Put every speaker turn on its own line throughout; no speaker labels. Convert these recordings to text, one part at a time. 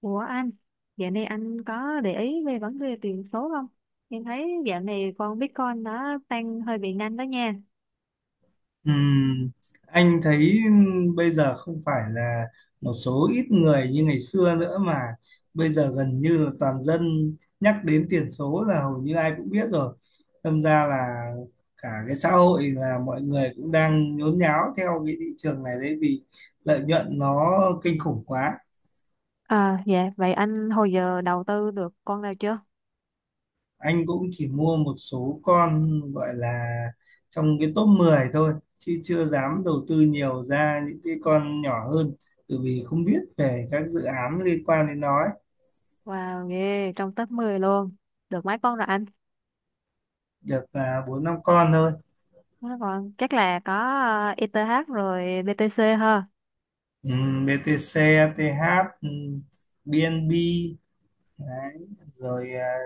Ủa anh, dạo này anh có để ý về vấn đề tiền số không? Em thấy dạo này con Bitcoin nó tăng hơi bị nhanh đó nha.
Ừm, anh thấy bây giờ không phải là một số ít người như ngày xưa nữa, mà bây giờ gần như là toàn dân, nhắc đến tiền số là hầu như ai cũng biết rồi. Đâm ra là cả cái xã hội là mọi người cũng đang nhốn nháo theo cái thị trường này đấy, vì lợi nhuận nó kinh khủng quá.
À dạ, vậy anh hồi giờ đầu tư được con nào chưa?
Anh cũng chỉ mua một số con gọi là trong cái top 10 thôi, chứ chưa dám đầu tư nhiều ra những cái con nhỏ hơn, bởi vì không biết về các dự án liên quan đến nó ấy.
Wow, ghê, trong top 10 luôn. Được mấy con rồi anh?
Được là bốn năm con thôi.
Mấy con chắc là có ETH rồi BTC ha.
BTC, ATH, BNB đấy. Rồi à,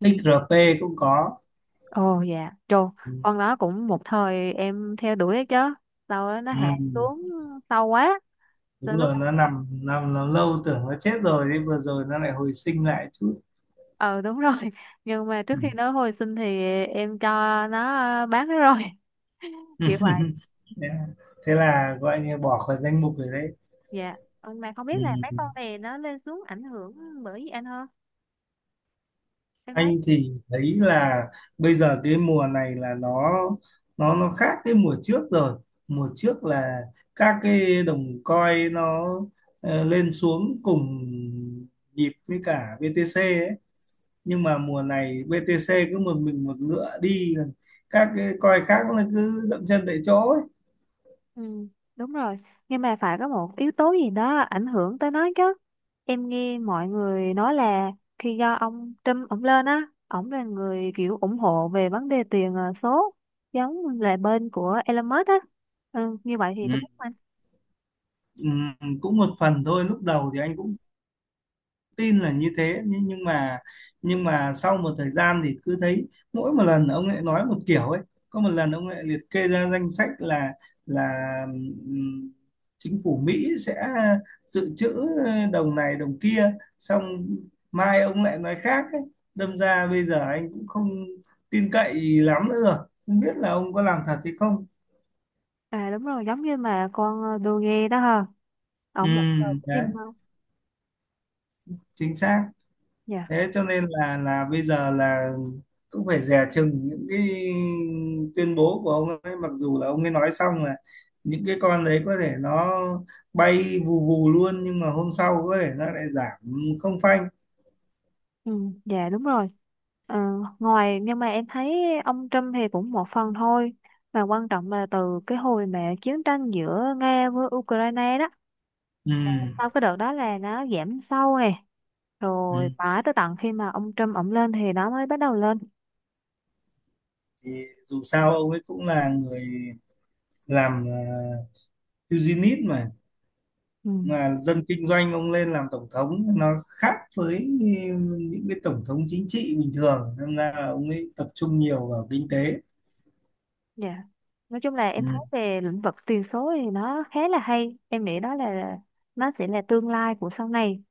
Ừ.
XRP cũng có.
Ồ dạ, trồ, con đó cũng một thời em theo đuổi ấy chứ. Sau đó nó hạ
Ừm,
xuống sâu quá. Từ
Đúng rồi, nó nằm nằm nằm lâu, tưởng nó chết rồi đấy, vừa rồi nó lại hồi sinh lại chút.
ờ Đúng rồi. Nhưng mà trước
Ừ.
khi nó hồi sinh thì em cho nó, bán nó rồi. Kiểu vậy.
Yeah. Thế là gọi như bỏ khỏi danh mục rồi đấy.
Dạ. Ừ, mà không
Ừ.
biết là mấy con này nó lên xuống ảnh hưởng bởi gì anh không? Em thấy.
Anh thì thấy là bây giờ cái mùa này là nó khác cái mùa trước rồi. Mùa trước là các cái đồng coin nó lên xuống cùng nhịp với cả BTC ấy. Nhưng mà mùa này BTC cứ một mình một ngựa đi, các cái coin khác nó cứ dậm chân tại chỗ ấy.
Ừ, đúng rồi. Nhưng mà phải có một yếu tố gì đó ảnh hưởng tới nó chứ. Em nghe mọi người nói là khi do ông Trump ổng lên á, ổng là người kiểu ủng hộ về vấn đề tiền số, giống là bên của Elon Musk á. Ừ, như vậy thì
Ừ.
có đúng không anh?
Ừ, cũng một phần thôi. Lúc đầu thì anh cũng tin là như thế, nhưng mà sau một thời gian thì cứ thấy mỗi một lần ông lại nói một kiểu ấy. Có một lần ông lại liệt kê ra danh sách là là ừm, chính phủ Mỹ sẽ dự trữ đồng này đồng kia, xong mai ông lại nói khác ấy. Đâm ra bây giờ anh cũng không tin cậy lắm nữa rồi, không biết là ông có làm thật hay không.
À đúng rồi, giống như mà con đô ghê đó ha.
Ừ,
Ổng một giờ cũng
đấy,
tin không?
chính xác.
Dạ.
Thế cho nên là bây giờ là cũng phải dè chừng những cái tuyên bố của ông ấy, mặc dù là ông ấy nói xong là những cái con đấy có thể nó bay vù vù luôn, nhưng mà hôm sau có thể nó lại giảm không phanh.
Ừ, dạ đúng rồi. Ờ, ngoài Nhưng mà em thấy ông Trump thì cũng một phần thôi. Mà quan trọng là từ cái hồi mà chiến tranh giữa Nga với Ukraine đó.
Ừ.
Sau cái đợt đó là nó giảm sâu này. Rồi
Ừ.
mãi tới tận khi mà ông Trump ổng lên thì nó mới bắt đầu lên.
Thì dù sao ông ấy cũng là người làm eugenist mà,
Ừ,
là dân kinh doanh. Ông lên làm tổng thống nó khác với những cái tổng thống chính trị bình thường, nên là ông ấy tập trung nhiều vào kinh tế.
dạ. Nói chung là em
Ừ.
thấy về lĩnh vực tiền số thì nó khá là hay. Em nghĩ đó là nó sẽ là tương lai của sau này.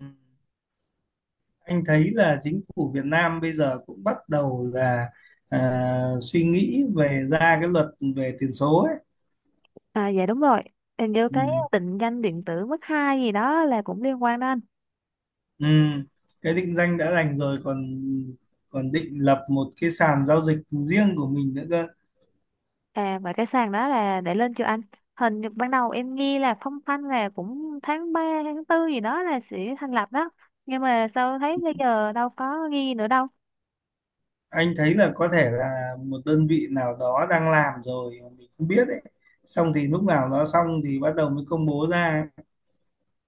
Ừ. Anh thấy là chính phủ Việt Nam bây giờ cũng bắt đầu là suy nghĩ về ra cái luật về tiền số ấy.
À dạ đúng rồi. Hình như cái
Ừ.
định danh điện tử mức 2 gì đó là cũng liên quan đó anh.
Ừ. Cái định danh đã đành rồi, còn còn định lập một cái sàn giao dịch riêng của mình nữa cơ.
À và cái sàn đó là để lên chưa anh? Hình như ban đầu em nghe là phong phanh là cũng tháng 3 tháng 4 gì đó là sẽ thành lập đó. Nhưng mà sao thấy bây giờ đâu có ghi nữa đâu.
Anh thấy là có thể là một đơn vị nào đó đang làm rồi mà mình không biết ấy. Xong thì lúc nào nó xong thì bắt đầu mới công bố ra.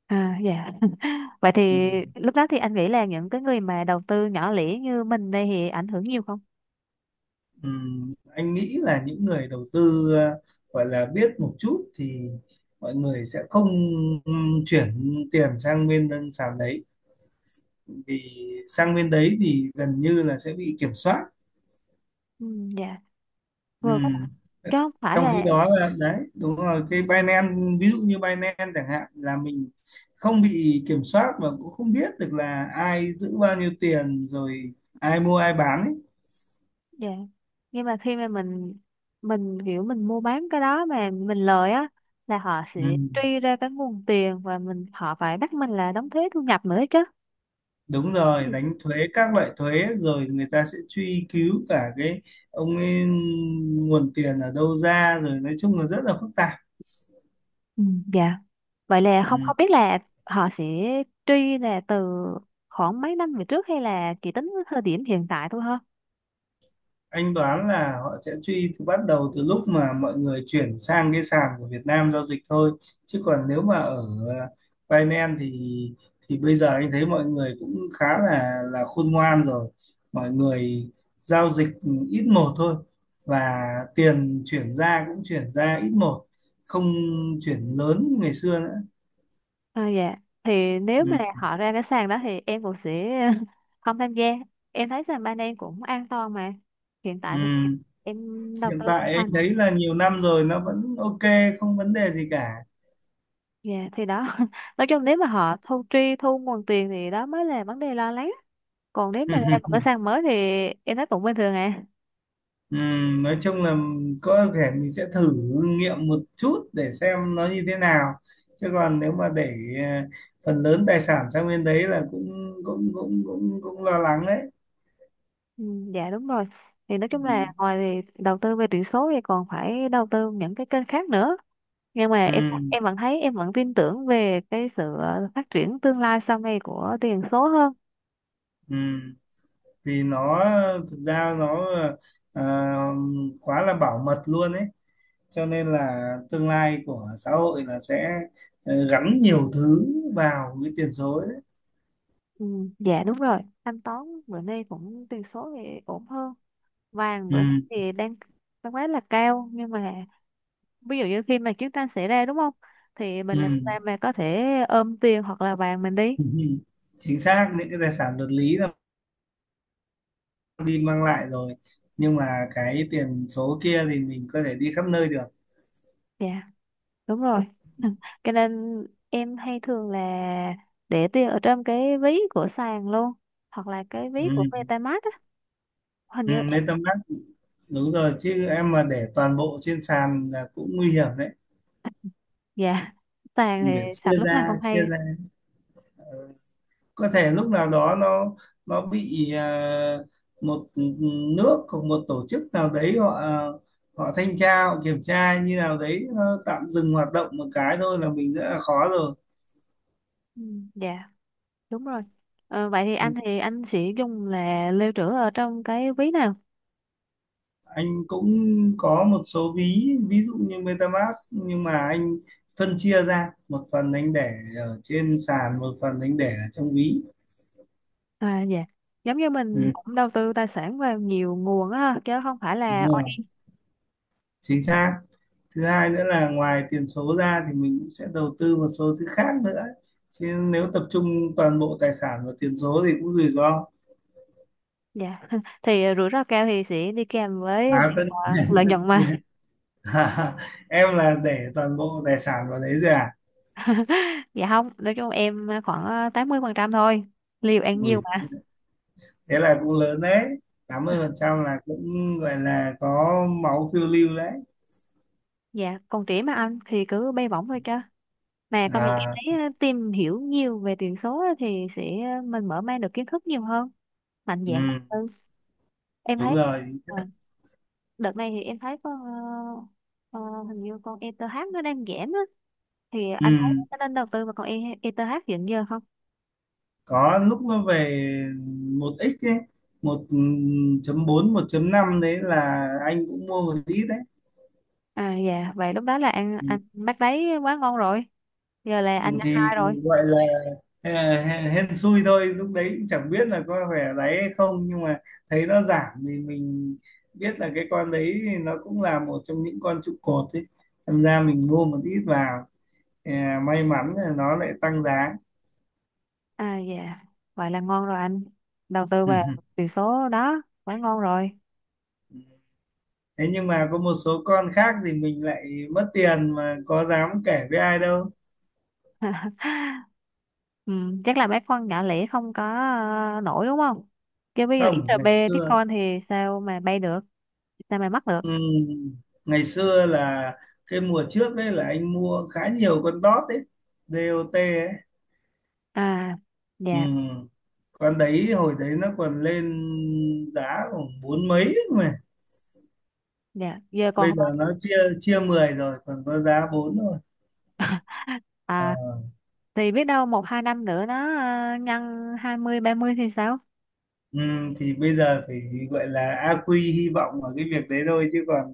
À dạ. Vậy
Ừ.
thì lúc đó thì anh nghĩ là những cái người mà đầu tư nhỏ lẻ như mình đây thì ảnh hưởng nhiều không?
Anh nghĩ là những người đầu tư gọi là biết một chút thì mọi người sẽ không chuyển tiền sang bên đơn sàn đấy, vì sang bên đấy thì gần như là sẽ bị kiểm soát.
Ừ, dạ. Rồi
Ừm,
chứ không phải
Trong
là.
khi đó là, đấy đúng rồi, cái Binance, ví dụ như Binance chẳng hạn, là mình không bị kiểm soát và cũng không biết được là ai giữ bao nhiêu tiền rồi, ai mua ai bán ấy.
Dạ. Nhưng mà khi mà mình kiểu mình mua bán cái đó mà mình lời á, là họ sẽ truy ra cái nguồn tiền và mình họ phải bắt mình là đóng thuế thu nhập nữa chứ.
Đúng rồi, đánh thuế các loại thuế, rồi người ta sẽ truy cứu cả cái ông ấy nguồn tiền ở đâu ra rồi, nói chung là rất là phức tạp.
Ừ, dạ. Vậy là không
Ừ.
không biết là họ sẽ truy là từ khoảng mấy năm về trước hay là chỉ tính với thời điểm hiện tại thôi ha?
Anh đoán là họ sẽ truy từ bắt đầu từ lúc mà mọi người chuyển sang cái sàn của Việt Nam giao dịch thôi, chứ còn nếu mà ở ờ, Binance thì bây giờ anh thấy mọi người cũng khá là khôn ngoan rồi. Mọi người giao dịch ít một thôi, và tiền chuyển ra cũng chuyển ra ít một, không chuyển lớn như ngày xưa nữa.
À, dạ. Thì nếu mà
Ừ.
họ ra cái sàn đó thì em cũng sẽ không tham gia. Em thấy sàn ban em cũng an toàn mà. Hiện
Ừ.
tại thì em đầu
Hiện
tư cũng
tại anh
hoàn.
thấy là nhiều năm rồi nó vẫn ok, không vấn đề gì cả.
Dạ thì đó. Nói chung nếu mà họ thu nguồn tiền thì đó mới là vấn đề lo lắng, còn nếu mà ra một cái sàn mới thì em thấy cũng bình thường à.
Nói chung là có thể mình sẽ thử nghiệm một chút để xem nó như thế nào, chứ còn nếu mà để ờ, phần lớn tài sản sang bên đấy là cũng cũng cũng cũng cũng lo lắng đấy.
Ừ, dạ đúng rồi. Thì nói chung là ngoài thì đầu tư về tiền số thì còn phải đầu tư những cái kênh khác nữa, nhưng mà em
Ừm,
em vẫn thấy em vẫn tin tưởng về cái sự phát triển tương lai sau này của tiền số hơn.
ừm. Vì nó, thực ra nó ờ, quá là bảo mật luôn ấy, cho nên là tương lai của xã hội là sẽ gắn nhiều thứ vào cái tiền số đấy.
Ừ, dạ đúng rồi. Thanh toán bữa nay cũng tiền số thì ổn hơn, vàng bữa nay
Ừm,
thì đang đang quá là cao, nhưng mà ví dụ như khi mà chiến tranh xảy ra đúng không, thì mình làm
ừm.
sao mà có thể ôm tiền hoặc là vàng mình đi.
Chính xác, những cái tài sản vật lý là đi mang lại rồi, nhưng mà cái tiền số kia thì mình có thể đi khắp nơi được.
Dạ đúng rồi. Cho nên em hay thường là để tiền ở trong cái ví của sàn luôn, hoặc là cái
Ừ.
ví của MetaMask á. Hình
Ừ,
như em.
MetaMask, đúng rồi, chứ em mà để toàn bộ trên sàn là cũng nguy hiểm đấy.
Dạ. Sàn
Mình
thì
phải
sạch
chia
lúc nào không
ra chia
hay.
ra. Ờ, có thể lúc nào đó nó bị một nước hoặc một tổ chức nào đấy họ, họ thanh tra họ kiểm tra như nào đấy, nó tạm dừng hoạt động một cái thôi là mình rất là khó rồi.
Ừ, dạ đúng rồi. Ờ, vậy thì anh
Ừ.
thì anh sẽ dùng là lưu trữ ở trong cái ví nào?
Anh cũng có một số ví, ví dụ như MetaMask, nhưng mà anh phân chia ra, một phần anh để ở trên sàn, một phần anh để ở trong ví.
À dạ, giống như
Ừ,
mình cũng đầu tư tài sản vào nhiều nguồn á chứ không phải là.
đúng rồi, chính xác. Thứ hai nữa là ngoài tiền số ra thì mình cũng sẽ đầu tư một số thứ khác nữa, chứ nếu tập trung toàn bộ tài sản vào tiền số thì cũng rủi ro.
Dạ. Thì rủi ro cao thì sẽ đi kèm với
à,
việc
tất...
lợi nhuận mà.
nhiên. Em là để toàn bộ tài sản vào đấy rồi à?
Dạ, không, nói chung em khoảng 80% thôi. Liều ăn nhiều
Ui,
mà.
thế là cũng lớn đấy, 80% là cũng gọi là có máu phiêu lưu đấy.
Dạ còn trẻ mà anh thì cứ bay bổng thôi chứ. Mà công nhận em
à
thấy tìm hiểu nhiều về tiền số á thì sẽ mình mở mang được kiến thức nhiều hơn, mạnh
ừ,
dạn hơn. Ừ, em thấy
đúng rồi.
ờ, đợt này thì em thấy con ờ, hình như con ETH nó đang giảm á, thì
ừ,
anh thấy nó nên đầu tư vào con ETH hiện giờ không?
có lúc nó về 1x ấy, một chấm bốn 1.5, đấy là anh cũng mua một ít đấy.
À dạ, vậy lúc đó là anh bát đấy quá ngon rồi. Giờ là
Ừ,
anh ăn
thì
hai rồi.
gọi là ờ, hên hên xui thôi, lúc đấy cũng chẳng biết là có phải đấy hay không, nhưng mà thấy nó giảm thì mình biết là cái con đấy thì nó cũng là một trong những con trụ cột ấy, thành ra mình mua một ít vào, à, may mắn là nó lại tăng giá.
À dạ, vậy là ngon rồi anh. Đầu tư vào tỷ số đó quá ngon rồi.
Thế nhưng mà có một số con khác thì mình lại mất tiền mà có dám kể với ai đâu.
Ừ, chắc là mấy con nhỏ lẻ không có nổi đúng không? Chứ bây giờ
Không, ngày
XRP
xưa,
Bitcoin thì sao mà bay được, sao mà mắc được.
ừ, ngày xưa là cái mùa trước ấy là anh mua khá nhiều con dot ấy, DOT ấy.
À
Ừ.
dạ.
Con đấy hồi đấy nó còn lên giá khoảng bốn mấy ấy mà,
Dạ giờ còn
bây
không?
giờ nó chia chia 10 rồi, còn có giá bốn thôi. Ờ.
À thì biết đâu một hai năm nữa nó nhân 20 30 thì sao?
Ừ, thì bây giờ phải gọi là a quy hy vọng ở cái việc đấy thôi, chứ còn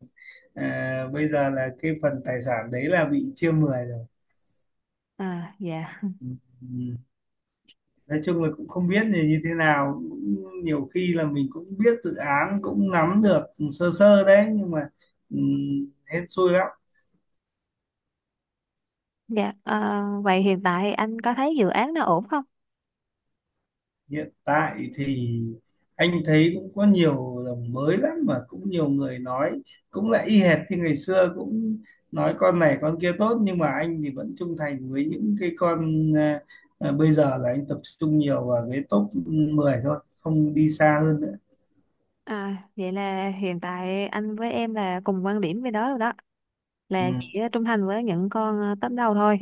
à, bây giờ là cái phần tài sản đấy là bị chia 10 rồi.
À dạ.
Ừ, ừ. Nói chung là cũng không biết là như thế nào, cũng nhiều khi là mình cũng biết dự án, cũng nắm được sơ sơ đấy, nhưng mà ừ, hên xui.
Dạ, vậy hiện tại anh có thấy dự án nó ổn không?
Hiện tại thì anh thấy cũng có nhiều đồng mới lắm, mà cũng nhiều người nói cũng lại y hệt như ngày xưa, cũng nói con này con kia tốt, nhưng mà anh thì vẫn trung thành với những cái con, bây giờ là anh tập trung nhiều vào cái top 10 thôi, không đi xa hơn nữa.
À, vậy là hiện tại anh với em là cùng quan điểm với đó rồi đó,
Ừ,
là chỉ trung thành với những con top đầu thôi.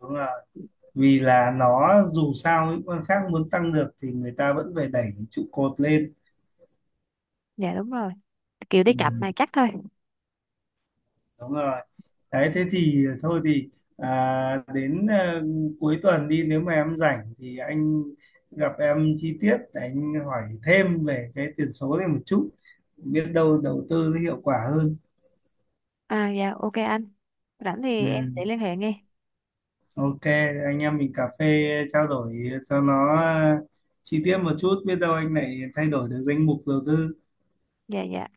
đúng là vì là nó, dù sao những con khác muốn tăng được thì người ta vẫn phải đẩy trụ cột lên.
Dạ đúng rồi, kiểu đi
Ừ,
cặp này chắc thôi.
đúng rồi đấy. Thế thì thôi thì đến cuối tuần đi, nếu mà em rảnh thì anh gặp em chi tiết, anh hỏi thêm về cái tiền số này một chút, biết đâu đầu tư nó hiệu quả hơn.
À dạ ok anh, rảnh
Ừ,
thì em sẽ liên hệ nghe.
ok. Anh em mình cà phê trao đổi cho nó chi tiết một chút, biết đâu anh lại thay đổi được danh mục đầu tư.
Dạ dạ.